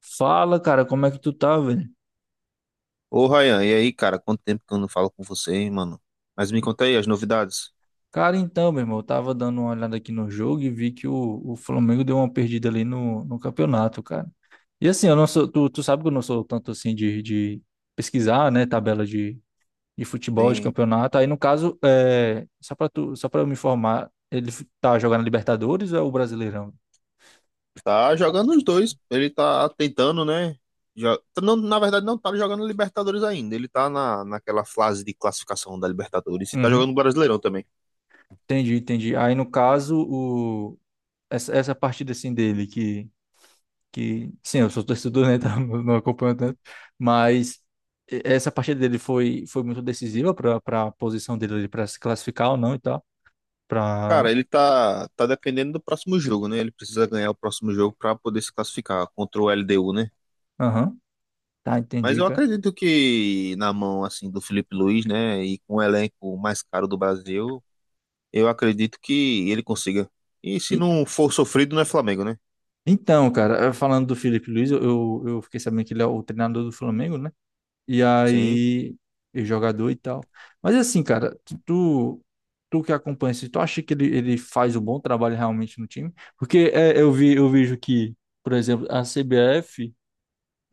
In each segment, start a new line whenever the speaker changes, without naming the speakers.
Fala, cara, como é que tu tá, velho?
Ô, Ryan, e aí, cara? Quanto tempo que eu não falo com você, hein, mano? Mas me conta aí as novidades.
Cara, então, meu irmão, eu tava dando uma olhada aqui no jogo e vi que o Flamengo deu uma perdida ali no campeonato, cara. E assim, eu não sou, tu sabe que eu não sou tanto assim de pesquisar, né, tabela de futebol, de
Tem...
campeonato. Aí, no caso, só pra tu, só pra eu me informar, tá jogando Libertadores ou é o Brasileirão?
Tá jogando os dois. Ele tá tentando, né? Não, na verdade, não tá jogando Libertadores ainda. Ele tá na, naquela fase de classificação da Libertadores e tá
Uhum.
jogando Brasileirão também.
Entendi, entendi. Aí, no caso, essa partida assim dele, que sim, eu sou torcedor, né, tá? Eu não acompanho tanto, mas essa partida dele foi muito decisiva para a posição dele para se classificar ou não e tal, para
Cara, ele tá dependendo do próximo jogo, né? Ele precisa ganhar o próximo jogo pra poder se classificar contra o LDU, né?
aham, tá,
Mas
entendi,
eu
cara.
acredito que na mão, assim, do Felipe Luiz, né? E com o elenco mais caro do Brasil. Eu acredito que ele consiga. E se
E-
não for sofrido, não é Flamengo, né?
então, cara, falando do Felipe Luiz, eu fiquei sabendo que ele é o treinador do Flamengo, né? E
Sim,
aí, e jogador e tal. Mas assim, cara, Tu que acompanha isso, tu acha que ele faz um bom trabalho realmente no time? Porque eu vi, eu vejo que, por exemplo, a CBF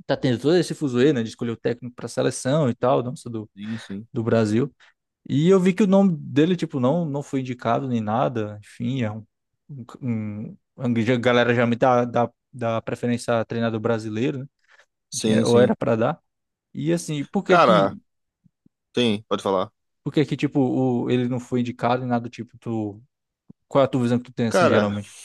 tá tendo todo esse fuzuê, né, de escolher o técnico para seleção e tal, nossa,
sim, sim.
do Brasil. E eu vi que o nome dele, tipo, não foi indicado nem nada, enfim, é a galera já me dá preferência a treinador brasileiro, né? Enfim,
Sim,
ou
sim.
era para dar. E assim,
Cara, sim, pode falar.
por que que, tipo, ele não foi indicado e nada do tipo, tu, qual é a tua visão que tu tem, assim,
Cara,
geralmente?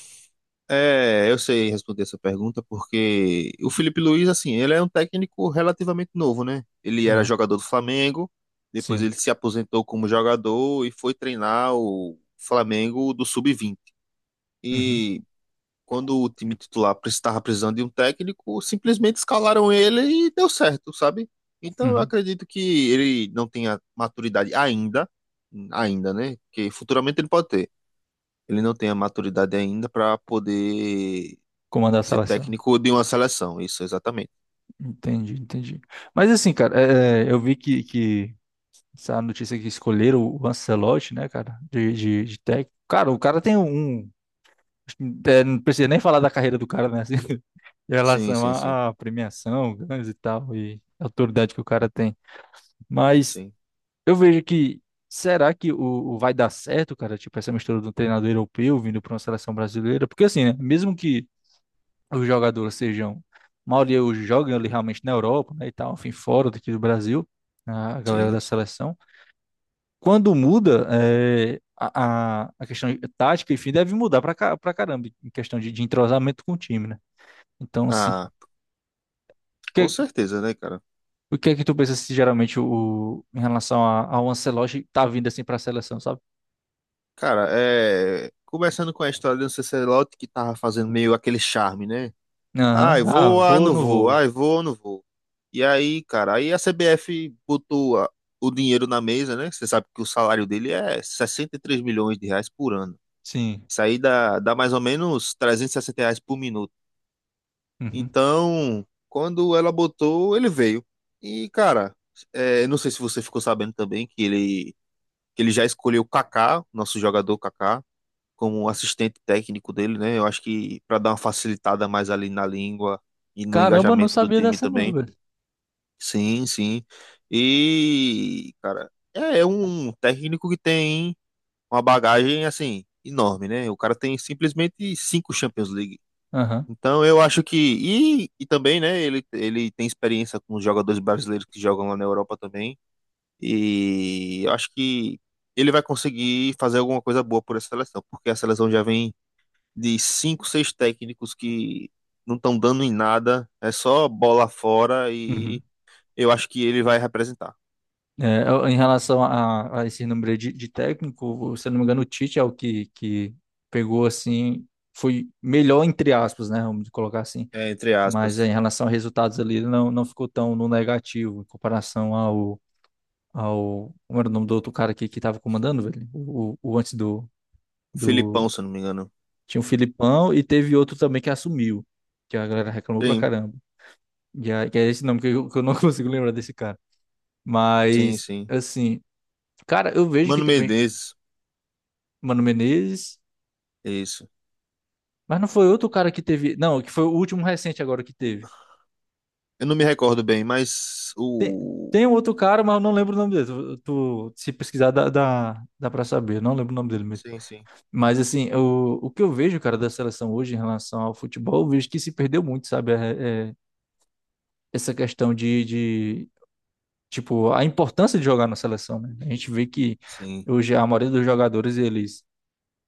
é, eu sei responder essa pergunta porque o Felipe Luiz, assim, ele é um técnico relativamente novo, né? Ele era
Ah,
jogador do Flamengo, depois
sim.
ele se aposentou como jogador e foi treinar o Flamengo do Sub-20.
Uhum,
E quando o time titular estava precisando de um técnico, simplesmente escalaram ele e deu certo, sabe? Então eu
uhum.
acredito que ele não tenha maturidade ainda, ainda, né? Que futuramente ele pode ter. Ele não tem a maturidade ainda para poder
Comandar a
ser
seleção.
técnico de uma seleção. Isso, exatamente.
Entendi, entendi. Mas assim, cara, eu vi que essa notícia que escolheram o Ancelotti, né, cara, de técnico. Cara, o cara tem um. É, não precisa nem falar da carreira do cara, né? Assim, em
Sim,
relação
sim, sim.
à à premiação, ganhos e tal, e a autoridade que o cara tem. Mas
Sim,
eu vejo que. Será que o vai dar certo, cara? Tipo, essa mistura do treinador europeu vindo para uma seleção brasileira? Porque assim, né? Mesmo que os jogadores sejam. A maioria hoje jogam ali realmente na Europa, né? E tal, enfim, fora daqui do Brasil, a galera da
sim.
seleção. Quando muda é, a questão de tática, enfim, deve mudar pra, pra caramba em questão de entrosamento com o time, né? Então, assim,
Ah,
o
com
que,
certeza, né, cara?
o que é que tu pensa se geralmente em relação a, ao Ancelotti tá vindo assim pra seleção, sabe?
Cara, é. Começando com a história do Ancelotti, que tava fazendo meio aquele charme, né? Ah,
Aham,
eu
ah,
vou, ah,
vou ou
não
não
vou.
vou?
Ah, eu vou, não vou. E aí, cara, aí a CBF botou o dinheiro na mesa, né? Você sabe que o salário dele é 63 milhões de reais por ano.
Sim.
Isso aí dá mais ou menos 360 reais por minuto.
Uhum.
Então, quando ela botou, ele veio. E, cara, é, não sei se você ficou sabendo também que ele já escolheu o Kaká, nosso jogador Kaká, como um assistente técnico dele, né? Eu acho que para dar uma facilitada mais ali na língua e no
Caramba, não
engajamento do
sabia
time
dessa não,
também.
velho.
Sim, sim. E, cara, é um técnico que tem uma bagagem assim enorme, né? O cara tem simplesmente cinco Champions League.
Aham.
Então eu acho que e também, né, ele tem experiência com os jogadores brasileiros que jogam lá na Europa também. E eu acho que ele vai conseguir fazer alguma coisa boa por essa seleção, porque a seleção já vem de cinco, seis técnicos que não estão dando em nada, é só bola fora
Uhum.
e eu acho que ele vai representar.
É, em relação a esse número de técnico, se eu não me engano, o Tite é o que pegou assim, foi melhor entre aspas, né? Vamos colocar assim,
É, entre
mas é,
aspas.
em relação a resultados ali, ele não, não ficou tão no negativo em comparação ao, ao. Como era o nome do outro cara aqui que tava comandando, velho? O antes do, do.
Filipão, se eu não me engano.
Tinha o Filipão e teve outro também que assumiu, que a galera reclamou pra
Sim,
caramba. E aí, que é esse nome que eu não consigo lembrar desse cara.
sim,
Mas,
sim.
assim, cara, eu vejo que
Mano
também.
Menezes,
Mano Menezes.
é isso.
Mas não foi outro cara que teve. Não, que foi o último recente agora que teve.
Eu não me recordo bem, mas o.
Tem um outro cara, mas eu não lembro o nome dele. Se pesquisar, dá pra saber. Eu não lembro o nome dele mesmo.
Sim, sim.
Mas, assim, o que eu vejo, cara, da seleção hoje em relação ao futebol, eu vejo que se perdeu muito, sabe? É essa questão tipo, a importância de jogar na seleção, né? A gente vê que
Sim,
hoje a maioria dos jogadores,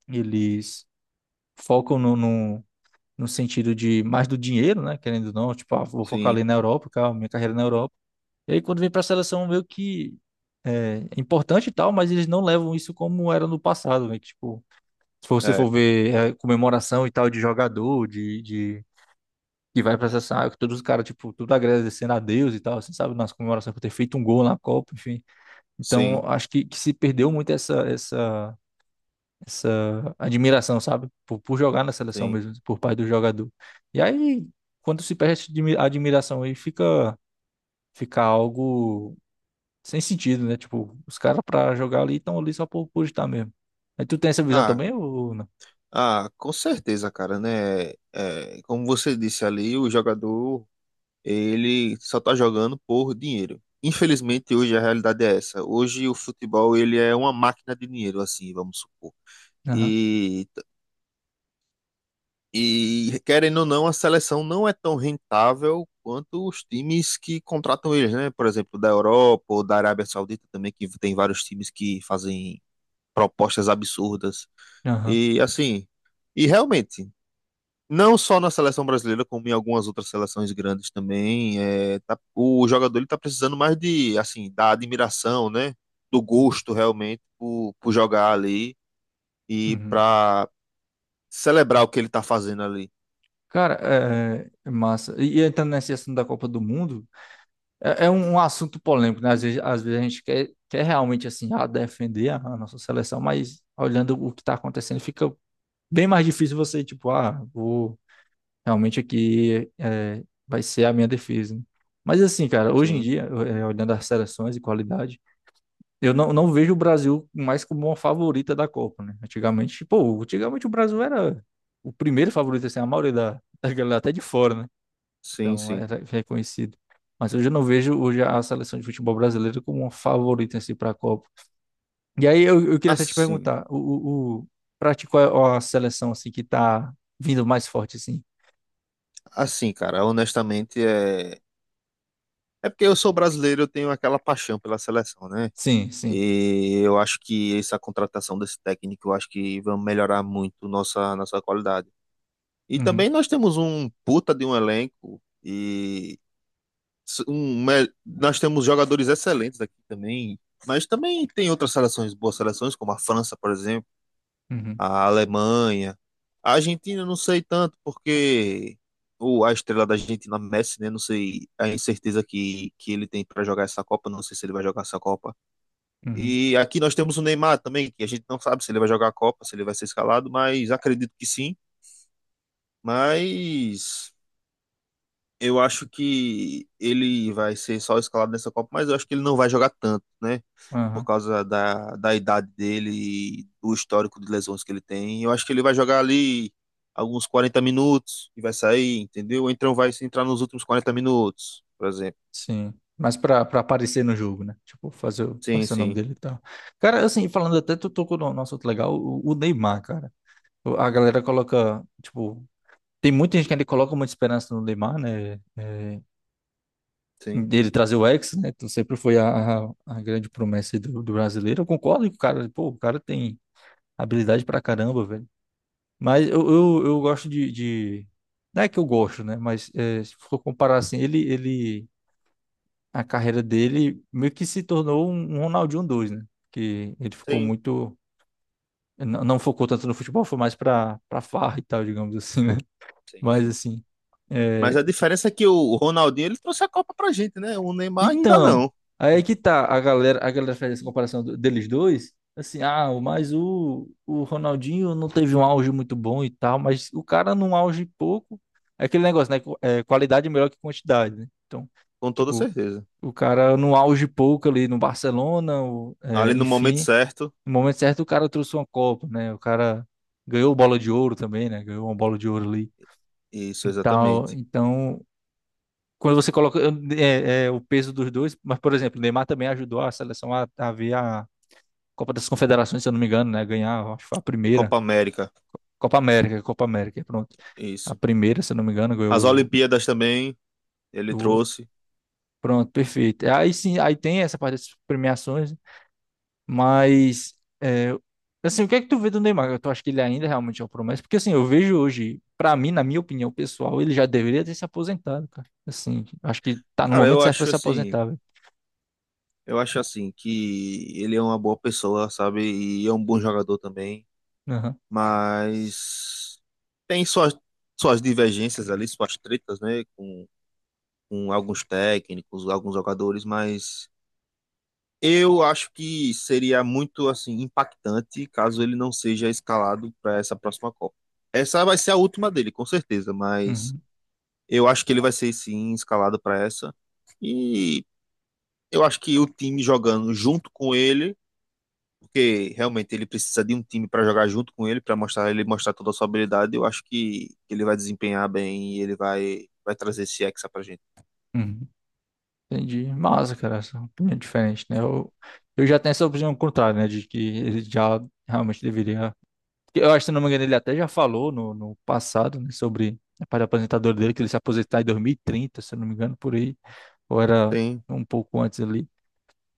eles focam no sentido de mais do dinheiro, né? Querendo ou não, tipo, ah, vou focar
sim.
ali na Europa, cara, minha carreira na Europa. E aí, quando vem para a seleção, meio que é, é importante e tal, mas eles não levam isso como era no passado, né? Que, tipo, se você for
É,
ver é, comemoração e tal de jogador, de que vai pra seleção, ah, todos os caras, tipo, tudo agradecendo a Deus e tal, você sabe, nas comemorações por ter feito um gol na Copa, enfim.
sim,
Então, acho que se perdeu muito essa admiração, sabe? Por jogar na seleção
sim.
mesmo, por parte do jogador. E aí, quando se perde essa admiração aí, fica, fica algo sem sentido, né? Tipo, os caras pra jogar ali estão ali só por estar mesmo. Aí tu tem essa visão
Ah,
também ou não?
ah, com certeza, cara, né? É, como você disse ali, o jogador ele só está jogando por dinheiro. Infelizmente, hoje a realidade é essa. Hoje o futebol ele é uma máquina de dinheiro, assim, vamos supor.
Aham,
E, e querendo ou não, a seleção não é tão rentável quanto os times que contratam eles, né? Por exemplo, da Europa ou da Arábia Saudita também, que tem vários times que fazem propostas absurdas.
aham.
E assim, e realmente, não só na seleção brasileira, como em algumas outras seleções grandes também, o jogador ele tá precisando mais de, assim, da admiração, né? Do gosto realmente por jogar ali e
Uhum.
para celebrar o que ele tá fazendo ali.
Cara, é, é massa. E entrando nesse assunto da Copa do Mundo, é, é um um assunto polêmico, né? Às vezes a gente quer, quer realmente, assim, ah, defender a nossa seleção, mas olhando o que tá acontecendo, fica bem mais difícil você, tipo, ah, vou realmente aqui, é, vai ser a minha defesa, né? Mas assim, cara, hoje em
Sim,
dia, olhando as seleções e qualidade, eu não, não vejo o Brasil mais como uma favorita da Copa, né? Antigamente, pô, antigamente o Brasil era o primeiro favorito, assim, a maioria da, da galera até de fora, né?
sim,
Então
sim.
era reconhecido. Mas hoje eu não vejo hoje a seleção de futebol brasileira como uma favorita, assim, para a Copa. E aí eu queria até te
Assim,
perguntar, o, o, pra ti, qual é a seleção, assim, que tá vindo mais forte, assim?
cara, honestamente é porque eu sou brasileiro, eu tenho aquela paixão pela seleção, né?
Sim, sim.
E eu acho que essa contratação desse técnico, eu acho que vai melhorar muito nossa qualidade. E também
Uhum,
nós temos um puta de um elenco e nós temos jogadores excelentes aqui também, mas também tem outras seleções, boas seleções, como a França, por exemplo,
uhum,
a Alemanha. A Argentina eu não sei tanto, porque a estrela da Argentina, Messi, né? Não sei a incerteza que ele tem para jogar essa Copa, não sei se ele vai jogar essa Copa.
uhum,
E aqui nós temos o Neymar também, que a gente não sabe se ele vai jogar a Copa, se ele vai ser escalado, mas acredito que sim. Mas eu acho que ele vai ser só escalado nessa Copa, mas eu acho que ele não vai jogar tanto, né? Por
aham.
causa da idade dele e do histórico de lesões que ele tem. Eu acho que ele vai jogar ali alguns 40 minutos e vai sair, entendeu? Ou então vai se entrar nos últimos 40 minutos, por exemplo.
Sim. Mas pra, pra aparecer no jogo, né? Tipo,
Sim,
aparecer o nome
sim,
dele e tal. Cara, assim, falando até, tu tocou no nosso outro legal, o Neymar, cara. A galera coloca, tipo, tem muita gente que ainda coloca muita esperança no Neymar, né? É,
sim,
dele trazer o ex, né? Então sempre foi a grande promessa aí do brasileiro. Eu concordo que o cara, pô, o cara tem habilidade pra caramba, velho. Mas eu gosto de. Não é que eu gosto, né? Mas é, se for comparar assim, ele a carreira dele meio que se tornou um Ronaldinho 2, né? Que ele ficou
sim,
muito. Não, não focou tanto no futebol, foi mais pra, pra farra e tal, digamos assim, né?
sim,
Mas
sim.
assim.
Mas
É,
a diferença é que o Ronaldinho ele trouxe a Copa pra gente, né? O Neymar ainda
então,
não,
aí é que tá, a galera faz essa comparação deles dois. Assim, ah, o Ronaldinho não teve um auge muito bom e tal, mas o cara num auge pouco. É aquele negócio, né? É, qualidade é melhor que quantidade, né? Então,
com toda
tipo,
certeza.
o cara no auge pouco ali no Barcelona, é,
Ali no momento
enfim.
certo.
No momento certo, o cara trouxe uma Copa, né? O cara ganhou bola de ouro também, né? Ganhou uma bola de ouro ali
Isso,
e tal.
exatamente.
Então, quando você coloca é, é, o peso dos dois, mas, por exemplo, o Neymar também ajudou a seleção a ver a Copa das Confederações, se eu não me engano, né? Ganhar, acho que foi a primeira.
Copa América,
Copa América, Copa América, pronto. A
isso.
primeira, se eu não me engano, ganhou
As Olimpíadas também ele
do.
trouxe.
Pronto, perfeito. Aí sim, aí tem essa parte das premiações. Mas, é, assim, o que é que tu vê do Neymar? Tu acha que ele ainda realmente é uma promessa? Porque, assim, eu vejo hoje, pra mim, na minha opinião pessoal, ele já deveria ter se aposentado, cara. Assim, acho que tá no
Cara,
momento
eu
certo pra
acho
se
assim,
aposentar, velho.
eu acho assim que ele é uma boa pessoa, sabe? E é um bom jogador também,
Aham.
mas tem suas divergências ali, suas tretas, né, com alguns técnicos, alguns jogadores, mas eu acho que seria muito assim impactante caso ele não seja escalado para essa próxima Copa. Essa vai ser a última dele, com certeza, mas
Uhum.
eu acho que ele vai ser sim escalado para essa. E eu acho que o time jogando junto com ele, porque realmente ele precisa de um time para jogar junto com ele, para mostrar ele mostrar toda a sua habilidade, eu acho que ele vai desempenhar bem e ele vai trazer esse Hexa pra gente.
Uhum. Entendi. Massa, cara, essa opinião é diferente, né? Eu já tenho essa opinião contrária, né? De que ele já realmente deveria. Eu acho, se não me engano, ele até já falou no passado, né, sobre a parte aposentadora dele, que ele se aposentar em 2030, se eu não me engano, por aí. Ou era
Tem,
um pouco antes ali.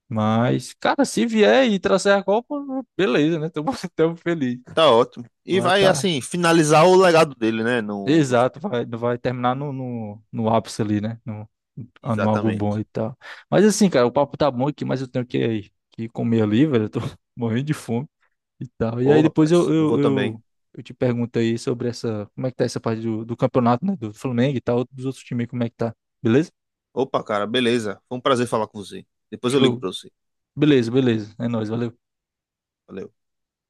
Mas, cara, se vier e trouxer a Copa, beleza, né? Tamo, tamo feliz.
tá ótimo. E
Mas
vai
tá.
assim finalizar o legado dele, né, no
Exato,
futebol.
vai, vai terminar no ápice ali, né? No, no algo bom
Exatamente.
e tal. Mas assim, cara, o papo tá bom aqui, mas eu tenho que comer ali, velho. Eu tô morrendo de fome e tal. E
Ô,
aí depois
rapaz, eu vou também.
eu te pergunto aí sobre essa, como é que tá essa parte do campeonato, né? Do Flamengo e tal, dos outros times, como é que tá? Beleza?
Opa, cara, beleza. Foi um prazer falar com você. Depois eu ligo
Show.
pra você.
Beleza, beleza. É nóis, valeu.
Valeu.